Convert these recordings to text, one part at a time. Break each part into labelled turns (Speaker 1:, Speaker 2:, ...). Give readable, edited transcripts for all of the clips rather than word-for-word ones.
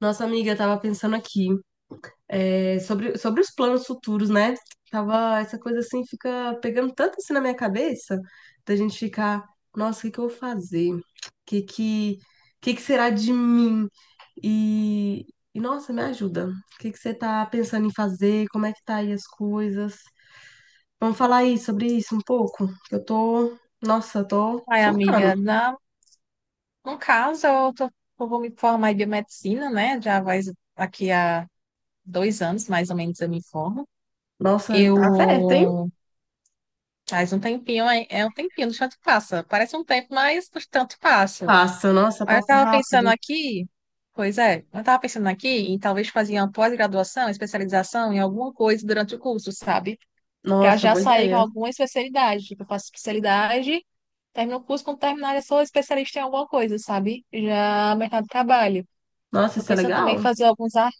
Speaker 1: Nossa amiga, eu tava pensando aqui, sobre os planos futuros, né? Tava, essa coisa assim fica pegando tanto assim na minha cabeça, da gente ficar, nossa, o que que eu vou fazer? O que que será de mim? E, nossa, me ajuda. O que que você tá pensando em fazer? Como é que tá aí as coisas? Vamos falar aí sobre isso um pouco? Que eu tô, nossa, eu tô
Speaker 2: Ai,
Speaker 1: surtando.
Speaker 2: amiga, no caso, eu vou me formar em biomedicina, né? Já vai aqui há 2 anos, mais ou menos, eu me formo.
Speaker 1: Nossa, tá certo, hein?
Speaker 2: Eu faz um tempinho, é um tempinho, no tanto passa. Parece um tempo, mas no tanto passa.
Speaker 1: Passa, nossa,
Speaker 2: Aí eu
Speaker 1: passa
Speaker 2: tava
Speaker 1: rápido.
Speaker 2: pensando aqui, pois é, eu tava pensando aqui em talvez fazer uma pós-graduação, especialização em alguma coisa durante o curso, sabe? Pra
Speaker 1: Nossa,
Speaker 2: já
Speaker 1: boa
Speaker 2: sair com
Speaker 1: ideia.
Speaker 2: alguma especialidade. Tipo, eu faço especialidade, termino o curso, quando terminar, eu sou especialista em alguma coisa, sabe? Já mercado de trabalho.
Speaker 1: Nossa,
Speaker 2: Tô
Speaker 1: isso é
Speaker 2: pensando também em
Speaker 1: legal.
Speaker 2: fazer alguns ar.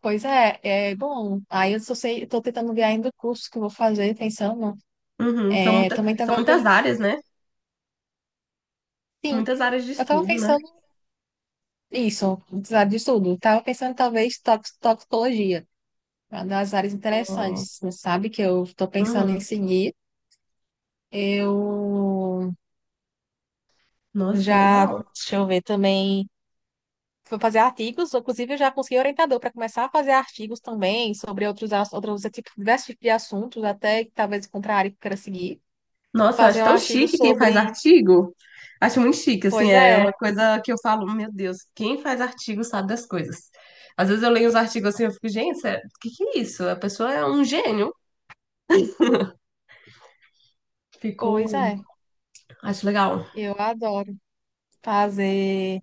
Speaker 2: Pois é, é bom. Aí eu só sei, eu tô tentando ver ainda o curso que eu vou fazer, pensando.
Speaker 1: Uhum. São
Speaker 2: É,
Speaker 1: muita,
Speaker 2: também
Speaker 1: são
Speaker 2: tava
Speaker 1: muitas
Speaker 2: pensando.
Speaker 1: áreas, né?
Speaker 2: Sim,
Speaker 1: Muitas áreas de
Speaker 2: eu tava
Speaker 1: estudo, né?
Speaker 2: pensando isso, sabe, de tudo. Tava pensando talvez toxicologia, uma das áreas
Speaker 1: É.
Speaker 2: interessantes, sabe? Que eu tô pensando em
Speaker 1: Uhum.
Speaker 2: seguir. Eu
Speaker 1: Nossa, legal.
Speaker 2: Deixa eu ver também. Fui fazer artigos, inclusive eu já consegui orientador para começar a fazer artigos também sobre outros tipos, diversos tipos de assuntos, até que talvez contra a área que eu queira seguir.
Speaker 1: Nossa, eu acho
Speaker 2: Fazer um
Speaker 1: tão
Speaker 2: artigo
Speaker 1: chique quem faz
Speaker 2: sobre.
Speaker 1: artigo. Acho muito chique, assim,
Speaker 2: Pois
Speaker 1: é uma
Speaker 2: é,
Speaker 1: coisa que eu falo, meu Deus, quem faz artigo sabe das coisas. Às vezes eu leio os artigos assim, eu fico, gente, sério, o que que é isso? A pessoa é um gênio.
Speaker 2: pois
Speaker 1: Ficou,
Speaker 2: é.
Speaker 1: acho legal.
Speaker 2: Eu adoro fazer.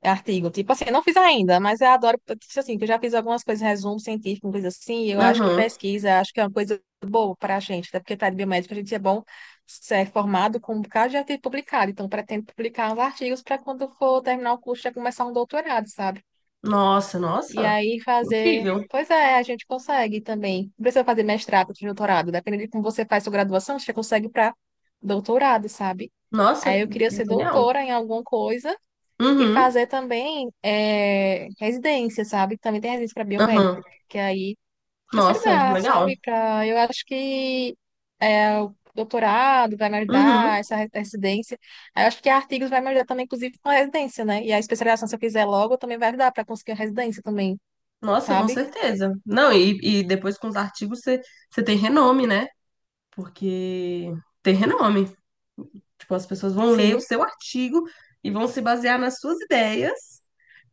Speaker 2: É artigo. Tipo assim, eu não fiz ainda, mas eu adoro, tipo assim, que eu já fiz algumas coisas, resumo científico, uma coisa assim, e eu acho que
Speaker 1: Aham.
Speaker 2: pesquisa, acho que é uma coisa boa para a gente, até porque tá de biomédica, a gente é bom ser formado com um bocado de artigo publicado, então pretendo publicar uns artigos para quando for terminar o curso já começar um doutorado, sabe?
Speaker 1: Nossa,
Speaker 2: E
Speaker 1: nossa,
Speaker 2: aí fazer.
Speaker 1: incrível.
Speaker 2: Pois é, a gente consegue também. Não precisa fazer mestrado, doutorado, dependendo de como você faz sua graduação, você já consegue para doutorado, sabe? Aí
Speaker 1: Nossa,
Speaker 2: eu queria ser
Speaker 1: genial.
Speaker 2: doutora em alguma coisa e
Speaker 1: Uhum,
Speaker 2: fazer também residência, sabe? Também tem residência para
Speaker 1: aham.
Speaker 2: biomédico, que aí
Speaker 1: Nossa,
Speaker 2: perseverar,
Speaker 1: legal.
Speaker 2: sabe? Eu acho que o doutorado vai me
Speaker 1: Uhum.
Speaker 2: ajudar, essa residência. Aí eu acho que artigos vai me ajudar também, inclusive, com a residência, né? E a especialização, se eu quiser logo, também vai ajudar para conseguir a residência também,
Speaker 1: Nossa, com
Speaker 2: sabe?
Speaker 1: certeza. Não, e depois com os artigos você tem renome, né? Porque tem renome. Tipo, as pessoas vão ler
Speaker 2: Sim,
Speaker 1: o seu artigo e vão se basear nas suas ideias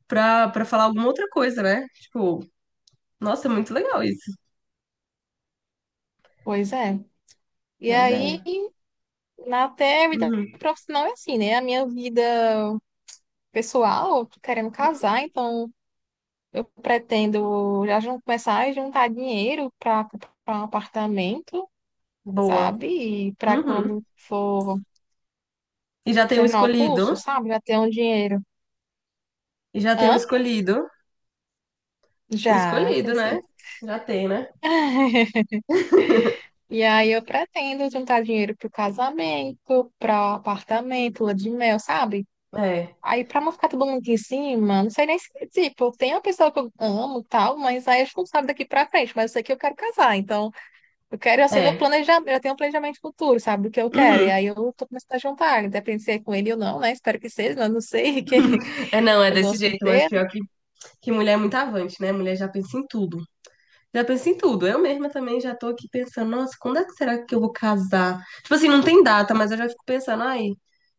Speaker 1: pra falar alguma outra coisa, né? Tipo, nossa, é muito legal isso.
Speaker 2: pois é. E
Speaker 1: Mas
Speaker 2: aí,
Speaker 1: é.
Speaker 2: na até a vida
Speaker 1: Uhum.
Speaker 2: profissional é assim, né? A minha vida pessoal, eu tô querendo casar, então. Eu pretendo já começar a juntar dinheiro para comprar um apartamento,
Speaker 1: Boa.
Speaker 2: sabe? E para
Speaker 1: Uhum.
Speaker 2: quando for,
Speaker 1: E já
Speaker 2: tipo,
Speaker 1: tem o
Speaker 2: terminar o curso,
Speaker 1: escolhido.
Speaker 2: sabe? Já ter um dinheiro.
Speaker 1: E já tem o
Speaker 2: Hã?
Speaker 1: escolhido. O
Speaker 2: Já,
Speaker 1: escolhido,
Speaker 2: tenho
Speaker 1: né?
Speaker 2: sim.
Speaker 1: Já tem, né?
Speaker 2: E aí eu pretendo juntar dinheiro pro casamento, para apartamento, lua de mel, sabe?
Speaker 1: É.
Speaker 2: Aí pra não ficar todo mundo aqui em cima, não sei nem se, tipo, tem uma pessoa que eu amo e tal, mas aí a gente não sabe daqui pra frente, mas eu sei que eu quero casar, então. Eu quero, assim, meu
Speaker 1: É.
Speaker 2: planejamento, eu tenho um planejamento futuro, sabe, do que eu quero. E
Speaker 1: Uhum.
Speaker 2: aí eu tô começando a juntar, independente se é com ele ou não, né? Espero que seja, mas não sei, que
Speaker 1: É, não, é
Speaker 2: eu
Speaker 1: desse
Speaker 2: gosto muito
Speaker 1: jeito, mas
Speaker 2: dele,
Speaker 1: pior que mulher é muito avante, né? Mulher já pensa em tudo. Já pensei em tudo. Eu mesma também já tô aqui pensando, nossa, quando é que será que eu vou casar? Tipo assim, não tem data, mas eu já fico pensando, ai,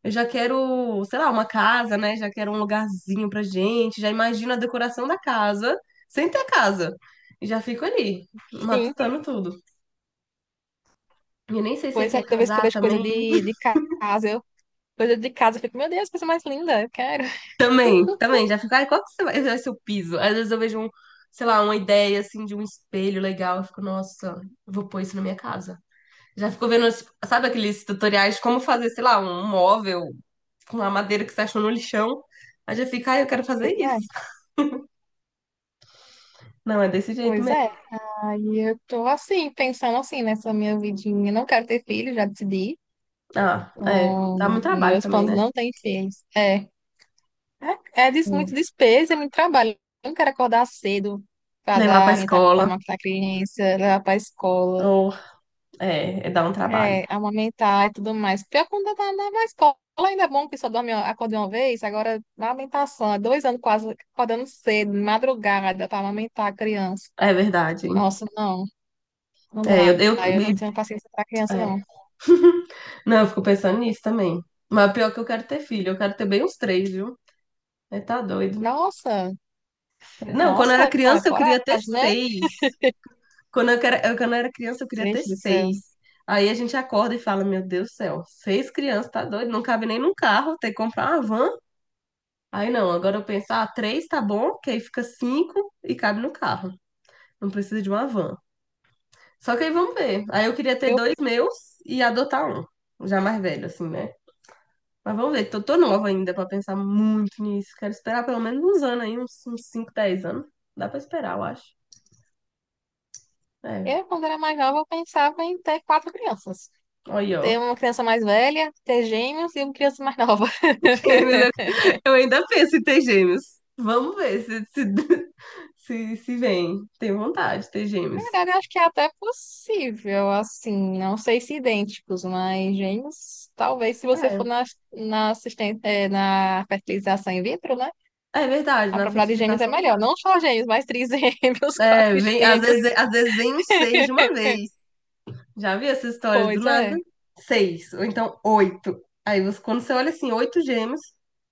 Speaker 1: eu já quero, sei lá, uma casa, né? Já quero um lugarzinho pra gente, já imagino a decoração da casa, sem ter a casa. E já fico ali,
Speaker 2: enfim.
Speaker 1: matutando tudo. E eu nem sei se ele
Speaker 2: Pois é,
Speaker 1: quer
Speaker 2: toda vez que eu
Speaker 1: casar
Speaker 2: vejo coisa
Speaker 1: também.
Speaker 2: de casa, coisa de casa, eu fico, meu Deus, coisa mais linda, eu quero.
Speaker 1: Também, também, já fico, ai, qual que vai ser o piso? Às vezes eu vejo um, sei lá, uma ideia assim de um espelho legal, eu fico, nossa, vou pôr isso na minha casa. Já ficou vendo, sabe aqueles tutoriais de como fazer, sei lá, um móvel com uma madeira que você achou no lixão? Aí já fica, ah, eu quero fazer
Speaker 2: Pois
Speaker 1: isso.
Speaker 2: é,
Speaker 1: Não, é desse jeito
Speaker 2: pois é.
Speaker 1: mesmo.
Speaker 2: Aí eu tô assim, pensando assim, nessa minha vidinha. Não quero ter filho, já decidi.
Speaker 1: Ah, é,
Speaker 2: Então,
Speaker 1: dá muito
Speaker 2: nos
Speaker 1: trabalho
Speaker 2: meus
Speaker 1: também,
Speaker 2: planos
Speaker 1: né?
Speaker 2: não têm filhos. É. É,
Speaker 1: Sim.
Speaker 2: muito despesa, é muito trabalho. Eu não quero acordar cedo
Speaker 1: Levar pra
Speaker 2: pra
Speaker 1: escola,
Speaker 2: amamentar a criança, levar para a escola,
Speaker 1: ou, é dar um trabalho.
Speaker 2: amamentar e tudo mais. Pior quando tá na escola, ainda é bom que só dorme, acorda uma vez. Agora, na amamentação, há 2 anos quase acordando cedo, de madrugada, para amamentar a criança.
Speaker 1: É verdade.
Speaker 2: Nossa, não, não
Speaker 1: É,
Speaker 2: dá. Eu não tenho paciência para criança,
Speaker 1: é.
Speaker 2: não.
Speaker 1: Não, eu fico pensando nisso também. Mas pior é que eu quero ter filho, eu quero ter bem uns três, viu? É, tá doido.
Speaker 2: Nossa,
Speaker 1: Não, quando eu era
Speaker 2: nossa,
Speaker 1: criança eu
Speaker 2: coragem,
Speaker 1: queria ter
Speaker 2: né?
Speaker 1: seis. Quando eu era criança, eu queria ter
Speaker 2: Gente do céu.
Speaker 1: seis. Aí a gente acorda e fala, meu Deus do céu, seis crianças, tá doido? Não cabe nem num carro, tem que comprar uma van. Aí não, agora eu penso, ah, três tá bom, que aí fica cinco e cabe no carro. Não precisa de uma van. Só que aí vamos ver. Aí eu queria ter
Speaker 2: Eu,
Speaker 1: dois meus e adotar um, já mais velho, assim, né? Mas vamos ver, tô nova ainda pra pensar muito nisso. Quero esperar pelo menos uns anos aí, uns 5 10 anos. Dá pra esperar, eu acho. É,
Speaker 2: quando era mais nova, eu pensava em ter quatro crianças.
Speaker 1: olha aí, ó.
Speaker 2: Ter uma criança mais velha, ter gêmeos e uma criança mais nova.
Speaker 1: Eu ainda penso em ter gêmeos. Vamos ver se, se, se vem. Tenho vontade de ter
Speaker 2: Na
Speaker 1: gêmeos.
Speaker 2: verdade, eu acho que é até possível, assim, não sei se idênticos, mas gêmeos, talvez se você for
Speaker 1: É,
Speaker 2: na assistência, na fertilização in vitro, né?
Speaker 1: é verdade,
Speaker 2: A
Speaker 1: na
Speaker 2: probabilidade de gêmeos é
Speaker 1: fertilização
Speaker 2: melhor.
Speaker 1: dá.
Speaker 2: Não só gêmeos, mas trigêmeos,
Speaker 1: É, vem, às
Speaker 2: quadrigêmeos.
Speaker 1: vezes, às vezes vem um seis de uma vez. Já vi essas histórias do
Speaker 2: Pois
Speaker 1: nada?
Speaker 2: é,
Speaker 1: Seis, ou então oito. Quando você olha assim, oito gêmeos,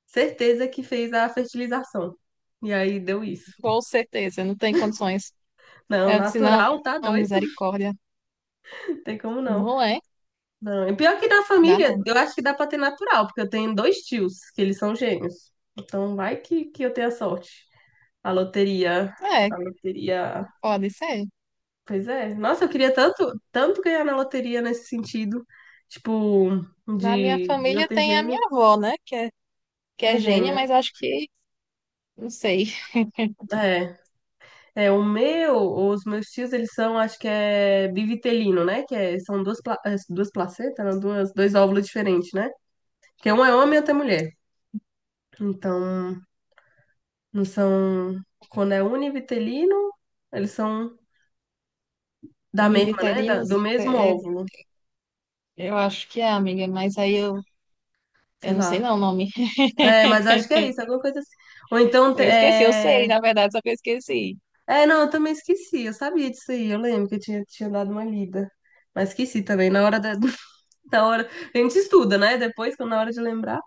Speaker 1: certeza que fez a fertilização. E aí deu isso.
Speaker 2: com certeza, não tem condições.
Speaker 1: Não,
Speaker 2: Aí eu disse, não,
Speaker 1: natural, tá
Speaker 2: não,
Speaker 1: doido?
Speaker 2: misericórdia.
Speaker 1: Não tem como não.
Speaker 2: Não é,
Speaker 1: Não, e pior que da
Speaker 2: dá
Speaker 1: família,
Speaker 2: não.
Speaker 1: eu acho que dá pra ter natural, porque eu tenho dois tios, que eles são gêmeos. Então vai que eu tenha sorte. A loteria,
Speaker 2: É,
Speaker 1: a loteria.
Speaker 2: pode ser.
Speaker 1: Pois é. Nossa, eu queria tanto, tanto ganhar na loteria nesse sentido. Tipo,
Speaker 2: Na minha
Speaker 1: de eu
Speaker 2: família
Speaker 1: ter
Speaker 2: tem a
Speaker 1: gêmeo.
Speaker 2: minha avó, né? Que é, que
Speaker 1: É
Speaker 2: é gênia,
Speaker 1: gêmea.
Speaker 2: mas acho que não sei.
Speaker 1: É. É, os meus tios, eles são, acho que é bivitelino, né? Que é, são duas, duas placentas, não, duas, dois óvulos diferentes, né? Que um é homem e outro é mulher. Então, não são. Quando é univitelino, eles são da mesma, né? Da-
Speaker 2: Univiterinos,
Speaker 1: do mesmo
Speaker 2: é- é-
Speaker 1: óvulo.
Speaker 2: eu acho que é, amiga, mas aí eu,
Speaker 1: Sei
Speaker 2: eu não sei
Speaker 1: lá.
Speaker 2: não o nome.
Speaker 1: É, mas acho que é isso, alguma coisa assim. Ou então.
Speaker 2: Eu esqueci, eu sei,
Speaker 1: É,
Speaker 2: na verdade, só que eu esqueci.
Speaker 1: é não, eu também esqueci. Eu sabia disso aí. Eu lembro que eu tinha dado uma lida. Mas esqueci também. Na hora da, da hora. A gente estuda, né? Depois, quando na hora de lembrar.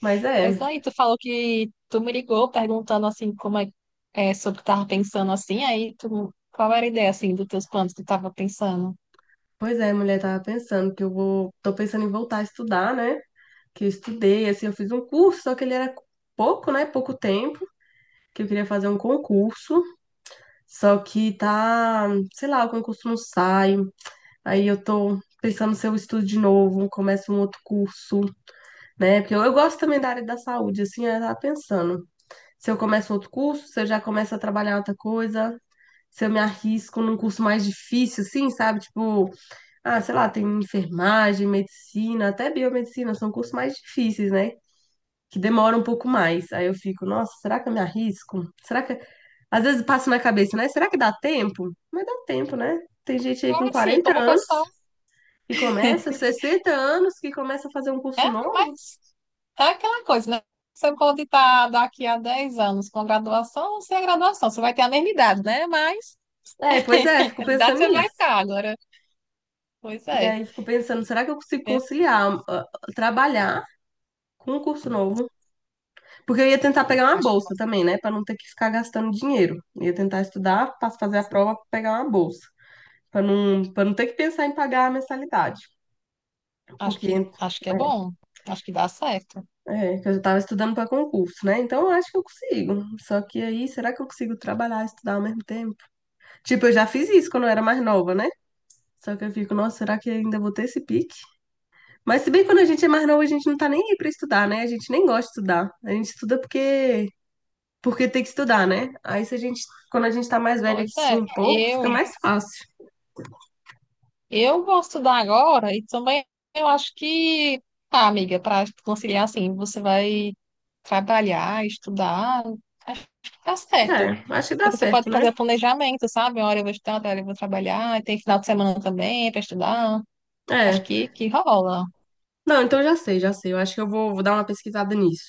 Speaker 1: Mas
Speaker 2: Mas
Speaker 1: é.
Speaker 2: aí tu falou que tu me ligou perguntando assim é sobre o que tava pensando assim, qual era a ideia assim dos teus planos que tu tava pensando?
Speaker 1: Pois é, mulher, tava pensando que eu vou. Tô pensando em voltar a estudar, né? Que eu estudei, assim, eu fiz um curso, só que ele era pouco, né? Pouco tempo, que eu queria fazer um concurso. Só que tá, sei lá, o concurso não sai. Aí eu tô pensando se eu estudo de novo, começo um outro curso, né? Porque eu gosto também da área da saúde, assim, eu tava pensando. Se eu começo outro curso, se eu já começo a trabalhar outra coisa, se eu me arrisco num curso mais difícil, assim, sabe? Tipo, ah, sei lá, tem enfermagem, medicina, até biomedicina, são cursos mais difíceis, né? Que demoram um pouco mais. Aí eu fico, nossa, será que eu me arrisco? Será que às vezes passa na cabeça, né? Será que dá tempo? Mas dá tempo, né? Tem gente aí com
Speaker 2: Agora sim,
Speaker 1: 40
Speaker 2: como
Speaker 1: anos
Speaker 2: pessoa,
Speaker 1: que começa, 60 anos que começa a fazer um curso novo.
Speaker 2: mas é aquela coisa, né? Você pode estar daqui a 10 anos com graduação ou sem a graduação, você vai ter a mesma idade, né? Mas
Speaker 1: É, pois é, fico
Speaker 2: a idade
Speaker 1: pensando
Speaker 2: você vai
Speaker 1: nisso.
Speaker 2: ficar agora. Pois
Speaker 1: E
Speaker 2: é.
Speaker 1: aí fico pensando, será que eu consigo conciliar, ah, trabalhar com um curso novo? Porque eu ia tentar pegar uma
Speaker 2: Acho que
Speaker 1: bolsa
Speaker 2: posso.
Speaker 1: também, né? Pra não ter que ficar gastando dinheiro. Eu ia tentar estudar, pra fazer a
Speaker 2: Assim,
Speaker 1: prova, pegar uma bolsa. Pra não, para não ter que pensar em pagar a mensalidade.
Speaker 2: Acho
Speaker 1: Porque
Speaker 2: que, acho que é bom. Acho que dá certo.
Speaker 1: É, que eu já tava estudando para concurso, né? Então eu acho que eu consigo. Só que aí, será que eu consigo trabalhar e estudar ao mesmo tempo? Tipo, eu já fiz isso quando eu era mais nova, né? Só que eu fico, nossa, será que ainda vou ter esse pique? Mas se bem que quando a gente é mais nova, a gente não tá nem aí pra estudar, né? A gente nem gosta de estudar. A gente estuda porque tem que estudar, né? Aí se a gente, quando a gente tá mais velha que
Speaker 2: Pois
Speaker 1: sim,
Speaker 2: é,
Speaker 1: um pouco, fica
Speaker 2: eu,
Speaker 1: mais fácil.
Speaker 2: eu vou estudar agora e também eu acho que, tá, amiga, para conciliar assim, você vai trabalhar, estudar, acho que dá certo.
Speaker 1: É, acho que dá
Speaker 2: Porque você pode
Speaker 1: certo, né?
Speaker 2: fazer planejamento, sabe? Uma hora eu vou estudar, outra hora eu vou trabalhar, e tem final de semana também para estudar. Acho
Speaker 1: É.
Speaker 2: que rola.
Speaker 1: Não, então eu já sei, já sei. Eu acho que eu vou dar uma pesquisada nisso.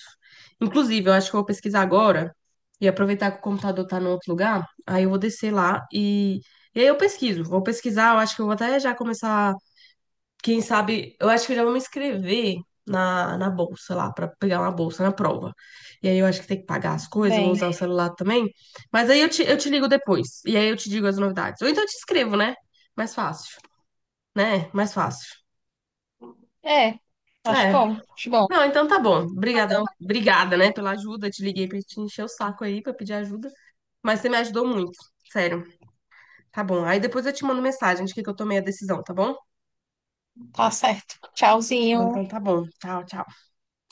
Speaker 1: Inclusive, eu acho que eu vou pesquisar agora e aproveitar que o computador tá no outro lugar. Aí eu vou descer lá e aí eu pesquiso. Vou pesquisar, eu acho que eu vou até já começar. Quem sabe, eu acho que eu já vou me inscrever na bolsa lá, pra pegar uma bolsa na prova. E aí eu acho que tem que pagar as
Speaker 2: Tudo
Speaker 1: coisas, vou
Speaker 2: bem.
Speaker 1: usar o celular também. Mas aí eu te ligo depois. E aí eu te digo as novidades. Ou então eu te escrevo, né? Mais fácil, né? Mais fácil.
Speaker 2: É, acho
Speaker 1: É,
Speaker 2: bom, acho bom.
Speaker 1: não, então tá bom. Obrigada,
Speaker 2: Então,
Speaker 1: obrigada, né, pela ajuda. Te liguei pra te encher o saco aí, pra pedir ajuda. Mas você me ajudou muito, sério. Tá bom. Aí depois eu te mando mensagem de que eu tomei a decisão, tá bom?
Speaker 2: tá certo. Tchauzinho.
Speaker 1: Então tá bom. Tchau, tchau.